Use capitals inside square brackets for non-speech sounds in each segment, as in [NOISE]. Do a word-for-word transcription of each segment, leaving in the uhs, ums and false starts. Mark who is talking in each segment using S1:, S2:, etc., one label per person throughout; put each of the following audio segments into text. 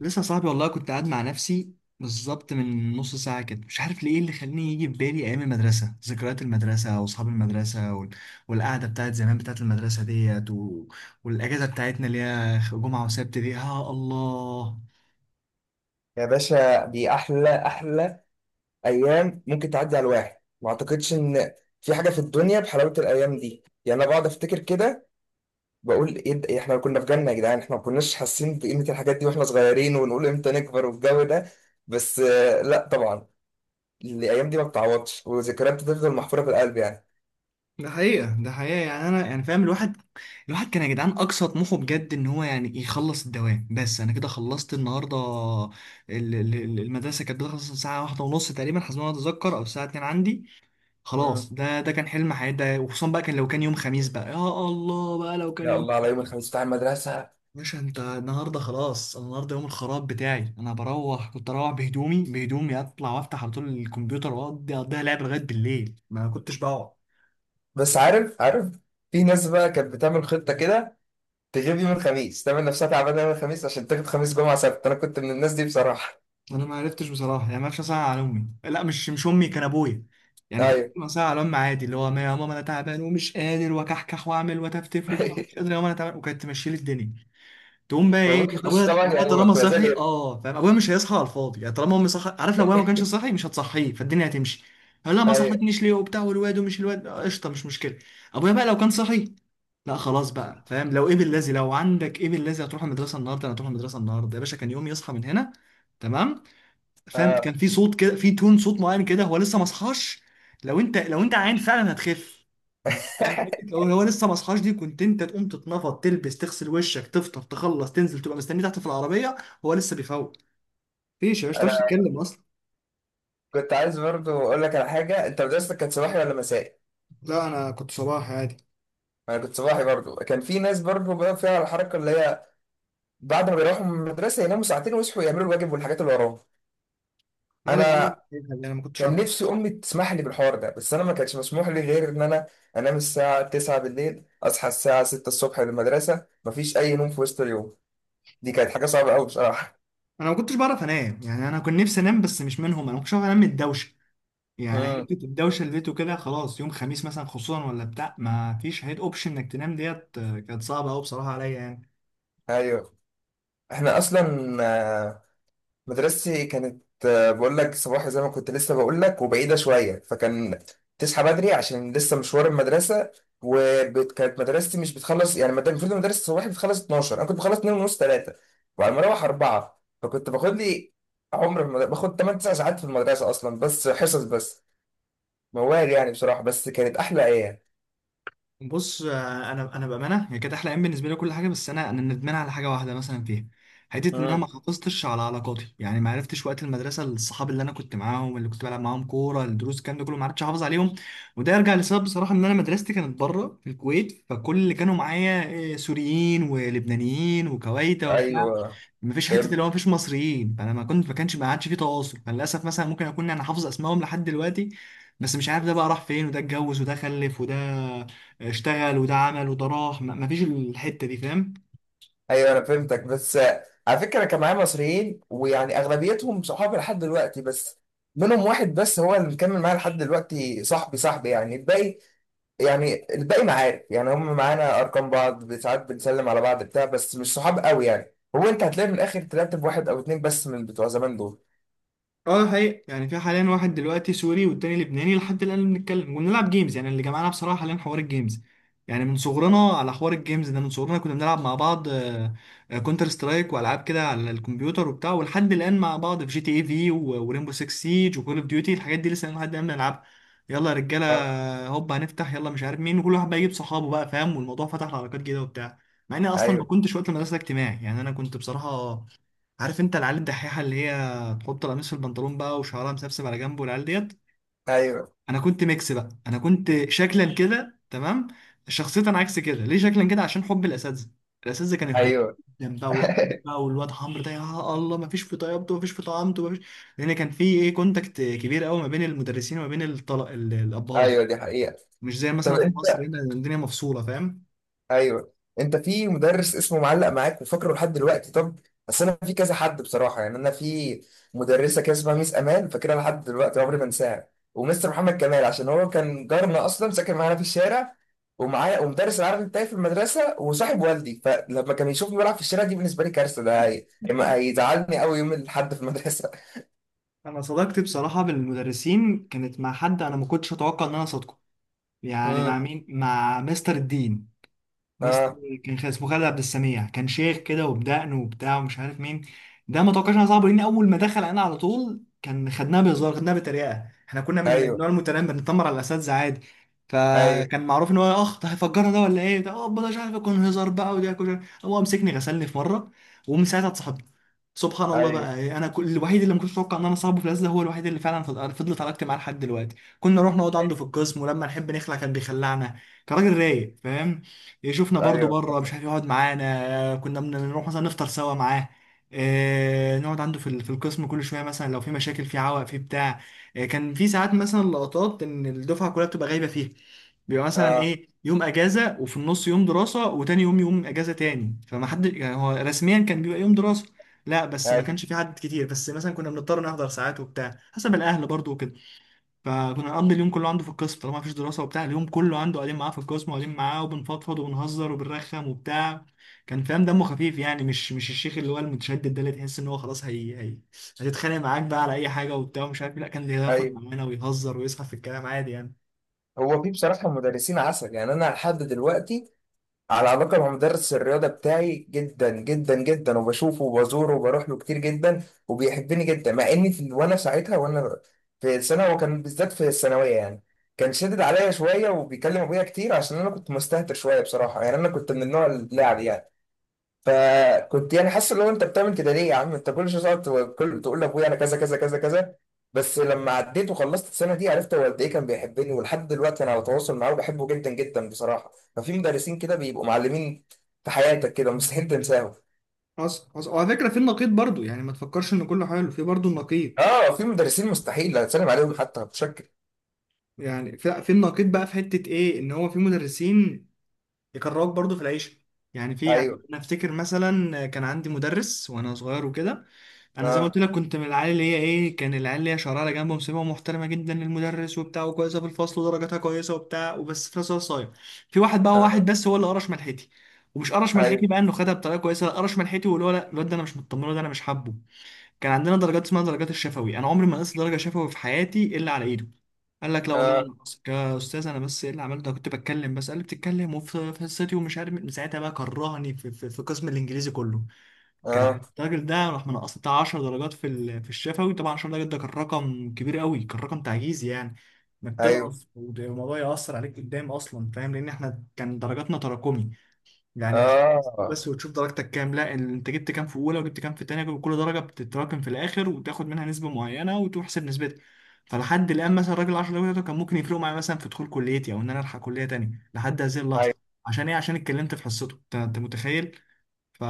S1: لسه صاحبي والله، كنت قاعد مع نفسي بالظبط من نص ساعة كده، مش عارف ليه اللي خلاني يجي في بالي أيام المدرسة، ذكريات المدرسة وأصحاب المدرسة وال... والقعدة بتاعت زمان بتاعت المدرسة ديت و... والأجازة بتاعتنا اللي هي جمعة وسبت دي. يا الله،
S2: يا باشا، دي احلى احلى ايام ممكن تعدي على الواحد. ما اعتقدش ان في حاجه في الدنيا بحلاوه الايام دي. يعني انا بقعد افتكر كده، بقول ايه ده- إيه احنا كنا في جنه يا جدعان. احنا ما كناش حاسين بقيمه الحاجات دي واحنا صغيرين، ونقول امتى نكبر والجو ده. بس آه، لا طبعا، الايام دي ما بتعوضش، وذكريات بتفضل محفوره في القلب يعني.
S1: ده حقيقة، ده حقيقة. يعني أنا يعني فاهم. الواحد الواحد كان يا جدعان أقصى طموحه بجد إن هو يعني يخلص الدوام. بس أنا كده خلصت النهاردة. ال- ال- ال- المدرسة كانت بتخلص الساعة واحدة ونص تقريبا، حسب ما أنا أتذكر، أو الساعة اتنين عندي.
S2: مم.
S1: خلاص، ده ده كان حلم حياتي ده. وخصوصا بقى كان لو كان يوم خميس، بقى يا الله بقى لو كان
S2: يا
S1: يوم.
S2: الله على يوم الخميس بتاع المدرسة.
S1: باشا انت النهارده خلاص، انا النهارده يوم الخراب بتاعي، انا بروح، كنت اروح بهدومي بهدومي، اطلع وافتح على طول الكمبيوتر واقضي اقضيها لعب لغايه بالليل، ما كنتش بقعد.
S2: بس عارف، عارف، في ناس بقى كانت بتعمل خطة كده، تغيب يوم الخميس، تعمل نفسها تعبانة يوم الخميس عشان تاخد خميس جمعة سبت. أنا كنت من الناس دي بصراحة.
S1: انا ما عرفتش بصراحه يعني، ما عرفتش اسال على امي، لا مش مش امي، كان ابويا. يعني كان
S2: ايوه.
S1: ممكن اسال على امي عادي، اللي هو يا ماما انا تعبان ومش قادر وكحكح واعمل وتفتف وبتاع، مش قادر
S2: [LAUGHS]
S1: يا ماما انا تعبان، وكانت تمشي لي الدنيا. تقوم بقى ايه؟
S2: فابوك يخش
S1: ابويا
S2: طبعا،
S1: ابويا
S2: يعني ما
S1: طالما
S2: تبقى زي
S1: صحي،
S2: الايه.
S1: اه، فاهم؟ ابويا مش هيصحى على الفاضي يعني، طالما امي صحي، عارف؟ لو ابويا ما كانش صحي مش هتصحيه، فالدنيا هتمشي. هقول لها ما
S2: ايوه.
S1: صحتنيش ليه وبتاع، والواد ومش الواد آه، قشطه مش مشكله. ابويا بقى لو كان صحي، لا خلاص بقى، فاهم؟ لو ايه بالذي، لو عندك ايه بالذي هتروح المدرسه النهارده، انا هتروح المدرسه النهارده يا باشا. كان يوم يصحى من هنا، تمام؟ فاهم؟ كان
S2: اه.
S1: في صوت كده، في تون صوت معين كده هو لسه ما صحاش. لو انت لو انت عيان فعلا هتخف. انت فاهم حته
S2: [LAUGHS]
S1: لو هو لسه ما صحاش دي، كنت انت تقوم تتنفض تلبس تغسل وشك تفطر تخلص تنزل تبقى مستني تحت في العربيه، هو لسه بيفوق. مفيش يا باشا، ما
S2: انا
S1: تعرفش تتكلم اصلا.
S2: كنت عايز برضو اقول لك على حاجه، انت مدرستك كانت صباحي ولا مسائي؟
S1: لا، انا كنت صباح عادي.
S2: انا كنت صباحي برضو. كان في ناس برضو بقى فيها الحركه اللي هي، بعد ما بيروحوا من المدرسه يناموا ساعتين ويصحوا يعملوا الواجب والحاجات اللي وراهم.
S1: هذا يا عم،
S2: انا
S1: انا ما كنتش
S2: كان
S1: عارف.
S2: نفسي امي تسمح لي بالحوار ده، بس انا ما كانش مسموح لي غير ان انا انام الساعه التاسعة بالليل، اصحى الساعه ستة الصبح للمدرسه. مفيش اي نوم في وسط اليوم، دي كانت حاجه صعبه قوي بصراحه.
S1: انا ما كنتش بعرف انام، يعني انا كنت نفسي انام بس مش منهم، انا ما كنتش عارف انام من الدوشه. يعني
S2: امم.
S1: حته الدوشه اللي لقيته كده خلاص يوم خميس مثلا خصوصا ولا بتاع، ما فيش هيد اوبشن انك تنام ديت آه، كانت صعبه قوي بصراحه عليا يعني.
S2: ايوه. احنا اصلا مدرستي كانت آه، بقول لك صباحي زي ما كنت لسه بقول لك، وبعيدة شوية، فكان تصحى بدري عشان لسه مشوار المدرسة. وكانت مدرستي مش بتخلص يعني مد- المفروض المدرسة الصباحي بتخلص اتناشر، أنا كنت بخلص اتنين ونص تلاتة، وعلى ما أروح اربعة. فكنت باخد لي عمر في المدرسة، باخد تمن تسع ساعات في المدرسة أصلا بس حصص بس. موال يعني بصراحة، بس كانت أحلى أيام.
S1: بص، آه، انا انا بامانه هي كانت احلى ايام بالنسبه لي، كل حاجه. بس انا انا ندمان على حاجه واحده مثلا فيها، حته ان انا ما
S2: مم.
S1: حافظتش على علاقاتي. يعني ما عرفتش وقت المدرسه الصحاب اللي انا كنت معاهم، اللي كنت بلعب معاهم كوره، الدروس، الكلام ده كله، ما عرفتش احافظ عليهم. وده يرجع لسبب بصراحه، ان انا مدرستي كانت بره في الكويت، فكل اللي كانوا معايا آه، سوريين ولبنانيين وكويتا وبتاع.
S2: أيوه.
S1: مفيش حته اللي هو مفيش مصريين، فانا ما كنت، ما كانش، ما عادش في تواصل. فللاسف مثلا ممكن اكون انا حافظ اسمائهم لحد دلوقتي، بس مش عارف ده بقى راح فين، وده اتجوز، وده خلف، وده اشتغل، وده عمل، وده راح، ما- مفيش الحته دي، فاهم؟
S2: ايوه انا فهمتك، بس آه، على فكره كان معايا مصريين ويعني اغلبيتهم صحابي لحد دلوقتي، بس منهم واحد بس هو اللي مكمل معايا لحد دلوقتي، صاحبي صاحبي يعني. الباقي يعني الباقي معارف يعني، هم معانا ارقام بعض، ساعات بنسلم على بعض بتاع، بس مش صحاب قوي يعني. هو انت هتلاقي من الاخر طلعت بواحد او اتنين بس من بتوع زمان دول.
S1: اه ده حقيقي. يعني في حاليا واحد دلوقتي سوري والتاني لبناني، لحد الان بنتكلم وبنلعب جيمز. يعني اللي جمعنا بصراحه حاليا حوار الجيمز، يعني من صغرنا على حوار الجيمز ده، من صغرنا كنا بنلعب مع بعض كونتر سترايك والعاب كده على الكمبيوتر وبتاع، ولحد الان مع بعض في جي تي اي في، وريمبو ستة سيج، وكول اوف ديوتي، الحاجات دي لسه لحد الان بنلعبها. يلا يا رجاله،
S2: آه.
S1: هوب هنفتح، يلا مش عارف مين، وكل واحد بقى يجيب صحابه بقى، فاهم؟ والموضوع فتح لعلاقات جديده وبتاع، مع اني اصلا ما
S2: ايوه.
S1: كنتش وقت المدرسه اجتماعي. يعني انا كنت بصراحه، عارف انت العيال الدحيحه اللي هي تحط القميص في البنطلون بقى وشعرها مسبسب على جنبه والعيال ديت؟
S2: ايوه.
S1: انا كنت ميكس بقى، انا كنت شكلا كده تمام، شخصيا عكس كده. ليه شكلا كده؟ عشان حب الاساتذه، الاساتذه كانوا يحبوني
S2: ايوه.
S1: جدا بقى
S2: [LAUGHS]
S1: ويقدروني بقى، والواد حمر ده يا الله، ما فيش في طيبته، ما فيش في طعامته، ما فيش. لان كان في ايه، كونتاكت كبير قوي ما بين المدرسين وما بين الطل... ال- الابهات،
S2: ايوه، دي حقيقه.
S1: مش زي
S2: طب
S1: مثلا في
S2: انت،
S1: مصر هنا الدنيا مفصوله، فاهم؟
S2: ايوه، انت في مدرس اسمه معلق معاك وفاكره لحد دلوقتي؟ طب بس انا في كذا حد بصراحه، يعني انا في مدرسه كده اسمها ميس امان، فاكرها لحد دلوقتي عمري ما انساها. ومستر محمد كمال عشان هو كان جارنا اصلا، ساكن معانا في الشارع ومعايا، ومدرس العربي بتاعي في المدرسه وصاحب والدي. فلما كان يشوفني بلعب في الشارع دي بالنسبه لي كارثه، ده هي-
S1: [LAUGHS]
S2: هيزعلني قوي يوم الاحد في المدرسه.
S1: انا صداقتي بصراحه بالمدرسين كانت مع حد انا ما كنتش اتوقع ان انا صادقه. يعني
S2: امم.
S1: مع مين؟ مع مستر الدين.
S2: [LAUGHS]
S1: مستر
S2: اه.
S1: كان، كان اسمه خالد عبد السميع، كان شيخ كده وبدقن وبتاع ومش عارف مين. ده ما توقعش انها صعبه، لان اول ما دخل انا على طول كان خدناها بهزار، خدناها بطريقه، احنا كنا من
S2: ايوه.
S1: النوع المتنمر، بنتنمر على الاساتذه عادي.
S2: ايوه.
S1: فكان معروف ان هو اخ، ده هيفجرنا ده ولا ايه ده؟ اه ده مش عارف يكون هزار بقى ودي كده. هو مسكني غسلني في مره، ومن ساعتها اتصاحبت. سبحان الله
S2: ايوه.
S1: بقى، انا كل الوحيد اللي ما كنتش اتوقع ان انا صاحبه في الازله، هو الوحيد اللي فعلا فض- فضلت علاقتي معاه لحد دلوقتي. كنا نروح نقعد
S2: ايوه.
S1: عنده في القسم، ولما نحب نخلع كان بيخلعنا. كان راجل رايق، فاهم؟ يشوفنا برضو
S2: ايوه.
S1: بره مش عارف، يقعد معانا. كنا بنروح مثلا نفطر سوا معاه، آه، نقعد عنده في ال- في القسم كل شويه، مثلا لو في مشاكل في عوق في بتاع. آه، كان في ساعات مثلا لقطات ان الدفعه كلها بتبقى غايبه فيها، بيبقى مثلا
S2: اه.
S1: ايه، يوم اجازه، وفي النص يوم دراسه، وتاني يوم يوم اجازه تاني، فما حد، يعني هو رسميا كان بيبقى يوم دراسه. لا بس ما
S2: ايوه.
S1: كانش في عدد كتير، بس مثلا كنا بنضطر نحضر ساعات وبتاع، حسب الاهل برضو وكده. فكنا نقضي اليوم كله عنده في القسم طالما مفيش دراسة وبتاع، اليوم كله عنده قاعدين معاه في القسم، وقاعدين معاه وبنفضفض وبنهزر وبنرخم وبتاع. كان فاهم، دمه خفيف، يعني مش مش الشيخ اللي هو المتشدد ده، اللي تحس ان هو خلاص، هي هي هتتخانق معاك بقى على اي حاجة وبتاع ومش عارف إيه. لا، كان بياخد
S2: ايوه.
S1: معانا ويهزر ويسخف في الكلام عادي يعني.
S2: هو في بصراحة مدرسين عسل يعني، أنا لحد دلوقتي على علاقة مع مدرس الرياضة بتاعي جدا جدا جدا، وبشوفه وبزوره وبروح له كتير جدا، وبيحبني جدا مع إني في وأنا ساعتها وأنا في السنة وكان بالذات في الثانوية، يعني كان شدد عليا شوية وبيكلم أبويا كتير، عشان أنا كنت مستهتر شوية بصراحة، يعني أنا كنت من النوع اللاعب يعني. فكنت يعني حاسس اللي هو انت بتعمل كده ليه يا عم، انت كل شويه تقعد تقول- كل تقول لابويا انا كذا كذا كذا كذا. بس لما عديت وخلصت السنه دي عرفت هو قد ايه كان بيحبني، ولحد دلوقتي انا على تواصل معاه وبحبه جدا جدا بصراحه. ففي مدرسين كده بيبقوا معلمين في حياتك كده مستحيل تنساهم.
S1: حصل، حصل. وعلى فكرة في النقيض برضو، يعني ما تفكرش ان كله حلو، في برضو النقيض.
S2: اه، في مدرسين مستحيل هتسلم عليهم حتى بشكل.
S1: يعني في في النقيض بقى، في حتة ايه، ان هو في مدرسين يكرهوك برضو في العيشة. يعني في يعني
S2: ايوه.
S1: انا افتكر مثلا كان عندي مدرس وانا صغير وكده. انا زي ما قلت
S2: اه.
S1: لك كنت من العيال اللي هي ايه، كان العيال اللي هي شرارة جنبه مسيبه، محترمة جدا للمدرس وبتاع، وكويسة في الفصل ودرجاتها كويسة وبتاع، وبس في نفس الوقت صايع. في واحد بقى، هو واحد
S2: اه.
S1: بس هو اللي قرش ملحتي. ومش قرش ملحتي
S2: ايوه.
S1: بقى انه خدها بطريقة كويسة، لا، قرش ملحتي واللي هو لا الواد ده انا مش مطمنه، ده انا مش حابه. كان عندنا درجات اسمها درجات الشفوي، انا عمري ما نقصت درجه شفوي في حياتي الا على ايده. قال لك لا والله انا
S2: اه.
S1: نقصت يا استاذ انا، بس ايه اللي عملته؟ أنا كنت بتكلم بس. قال لي بتتكلم وفي في حصتي ومش عارف مين. من ساعتها بقى كرهني في، في, في قسم الانجليزي كله.
S2: اه.
S1: كان الراجل ده راح منقص بتاع عشرة درجات في ال- في الشفوي. طبعا عشر درجات ده كان رقم كبير قوي، كان رقم تعجيزي، يعني انك
S2: ايوه.
S1: تنقص والموضوع يأثر عليك قدام اصلا، فاهم؟ لان احنا كان درجاتنا تراكمي، يعني مش
S2: اه.
S1: بس وتشوف درجتك كام، لا، ال- انت جبت كام في اولى وجبت كام في تانية، وكل درجه بتتراكم في الاخر وتاخد منها نسبه معينه وتحسب نسبتها. فلحد الان مثلا الراجل عشر درجات بتوعه كان ممكن يفرقوا معايا مثلا في دخول كليتي، او ان انا الحق كليه تانية لحد هذه
S2: ايوه.
S1: اللحظه. عشان ايه؟ عشان اتكلمت في حصته. انت، انت متخيل؟ ف...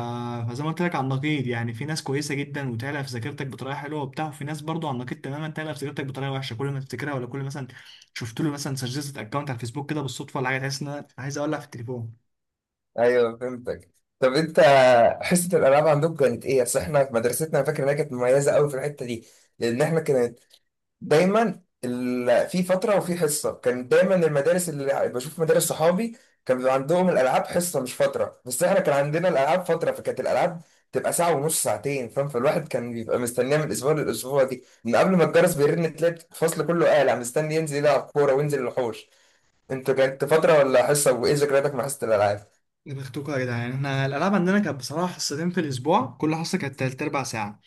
S1: فزي ما قلت لك، على النقيض، يعني في ناس كويسه جدا وتعلق في ذاكرتك بطريقه حلوه وبتاع، وفي ناس برضو على النقيض تماما تعلق في ذاكرتك بطريقه وحشه، كل ما تفتكرها، ولا كل مثلا شفت له مثلا، سجلت اكونت على الفيسبوك كده بالصدفه ولا حاجه، تحس ان انا عايز اولع في التليفون.
S2: ايوه فهمتك. طب انت، حصه الالعاب عندكم كانت ايه؟ اصل احنا في مدرستنا أنا فاكر انها كانت مميزه قوي في الحته دي، لان احنا كانت دايما ال... في فتره وفي حصه. كان دايما المدارس اللي بشوف مدارس صحابي كان بيبقى عندهم الالعاب حصه مش فتره، بس احنا كان عندنا الالعاب فتره، فكانت الالعاب تبقى ساعه ونص ساعتين فاهم. فالواحد كان بيبقى مستنيها من الاسبوع للاسبوع، دي من قبل ما الجرس بيرن تلاقي الفصل كله قالع مستني ينزل يلعب كوره وينزل الحوش. انت كانت فتره ولا حصه، وايه ذكرياتك مع حصه الالعاب؟
S1: دماغتكم يا جدعان، احنا الالعاب عندنا كانت بصراحه حصتين في الاسبوع، كل حصه كانت تلت اربع ساعه. مم.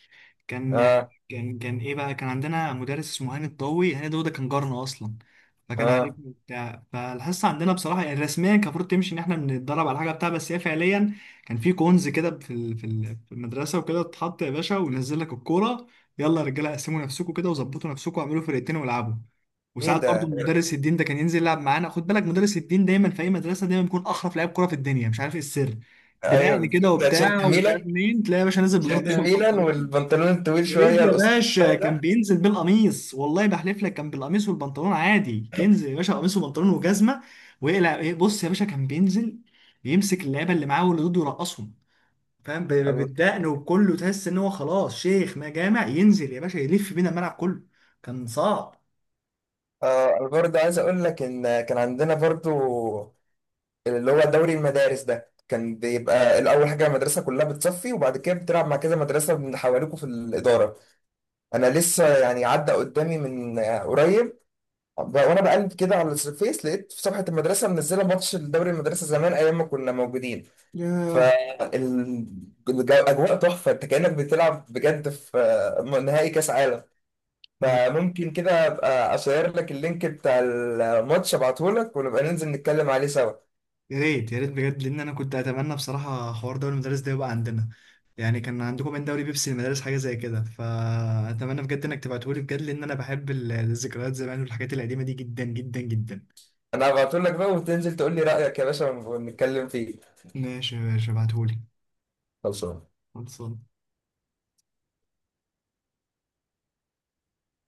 S1: كان
S2: اه.
S1: كان كان ايه بقى، كان عندنا مدرس اسمه هاني الضوي. هاني الضوي ده كان جارنا اصلا، فكان
S2: اه.
S1: عارفني وبتاع. فالحصه عندنا بصراحه، يعني رسميا كان المفروض تمشي ان احنا بنتدرب على حاجه بتاع، بس هي فعليا كان في كونز كده في ال- في ال- في المدرسه وكده، اتحط يا باشا وينزل لك الكوره. يلا يا رجاله، قسموا نفسكم كده وظبطوا نفسكم واعملوا فرقتين والعبوا.
S2: ايه
S1: وساعات برضو
S2: ده.
S1: مدرس الدين ده كان ينزل يلعب معانا. خد بالك، مدرس الدين دايما في اي مدرسه دايما بيكون احرف لعيب كوره في الدنيا، مش عارف ايه السر.
S2: ايوه.
S1: بنقل كده
S2: ده تيشيرت
S1: وبتاع ومش
S2: الميلان،
S1: عارف مين، تلاقي يا باشا نازل
S2: تيشيرت
S1: بالقميص
S2: الميلان
S1: والبنطلون.
S2: والبنطلون الطويل
S1: يا ريت
S2: شويه
S1: يا
S2: القصير
S1: باشا
S2: شويه
S1: كان
S2: ده.
S1: بينزل بالقميص، والله بحلف لك كان بالقميص والبنطلون عادي، ينزل يا باشا قميص وبنطلون وجزمه ويقلع إيه، بص يا باشا كان بينزل يمسك اللعيبه اللي معاه واللي ضده يرقصهم، فاهم؟ ب- ب-
S2: ال-
S1: بالدقن وكله، تحس ان هو خلاص شيخ ما جامع، ينزل يا باشا يلف بينا الملعب كله. كان صعب.
S2: آه انا برضه عايز اقول لك ان كان عندنا برضه اللي هو دوري المدارس ده. كان بيبقى الاول حاجه المدرسه كلها بتصفي، وبعد كده بتلعب مع كذا مدرسه من حواليكوا في الاداره. انا لسه يعني عدى قدامي من آه، قريب، ب- وانا بقلب كده على الفيس لقيت في صفحه المدرسه منزله ماتش الدوري المدرسه زمان ايام ما كنا موجودين.
S1: ياه،
S2: فالأجواء تحفة، أنت كأنك بتلعب بجد في آه، نهائي كأس عالم. فممكن كده أبقى أشير لك اللينك بتاع الماتش أبعتهولك، ونبقى ننزل نتكلم عليه سوا.
S1: يا ريت، يا ريت بجد، لان انا كنت اتمنى بصراحه حوار دوري المدارس ده يبقى عندنا. يعني كان عندكم من دوري بيبسي المدارس حاجه زي كده، فاتمنى بجد انك تبعتهولي بجد، لان انا بحب ال- الذكريات زمان والحاجات القديمه دي جدا جدا جدا.
S2: أنا هبعتهولك بقى، وتنزل تقول لي رأيك يا باشا ونتكلم فيه.
S1: ماشي يا باشا، ابعتهولي.
S2: خلصان.
S1: خلصان.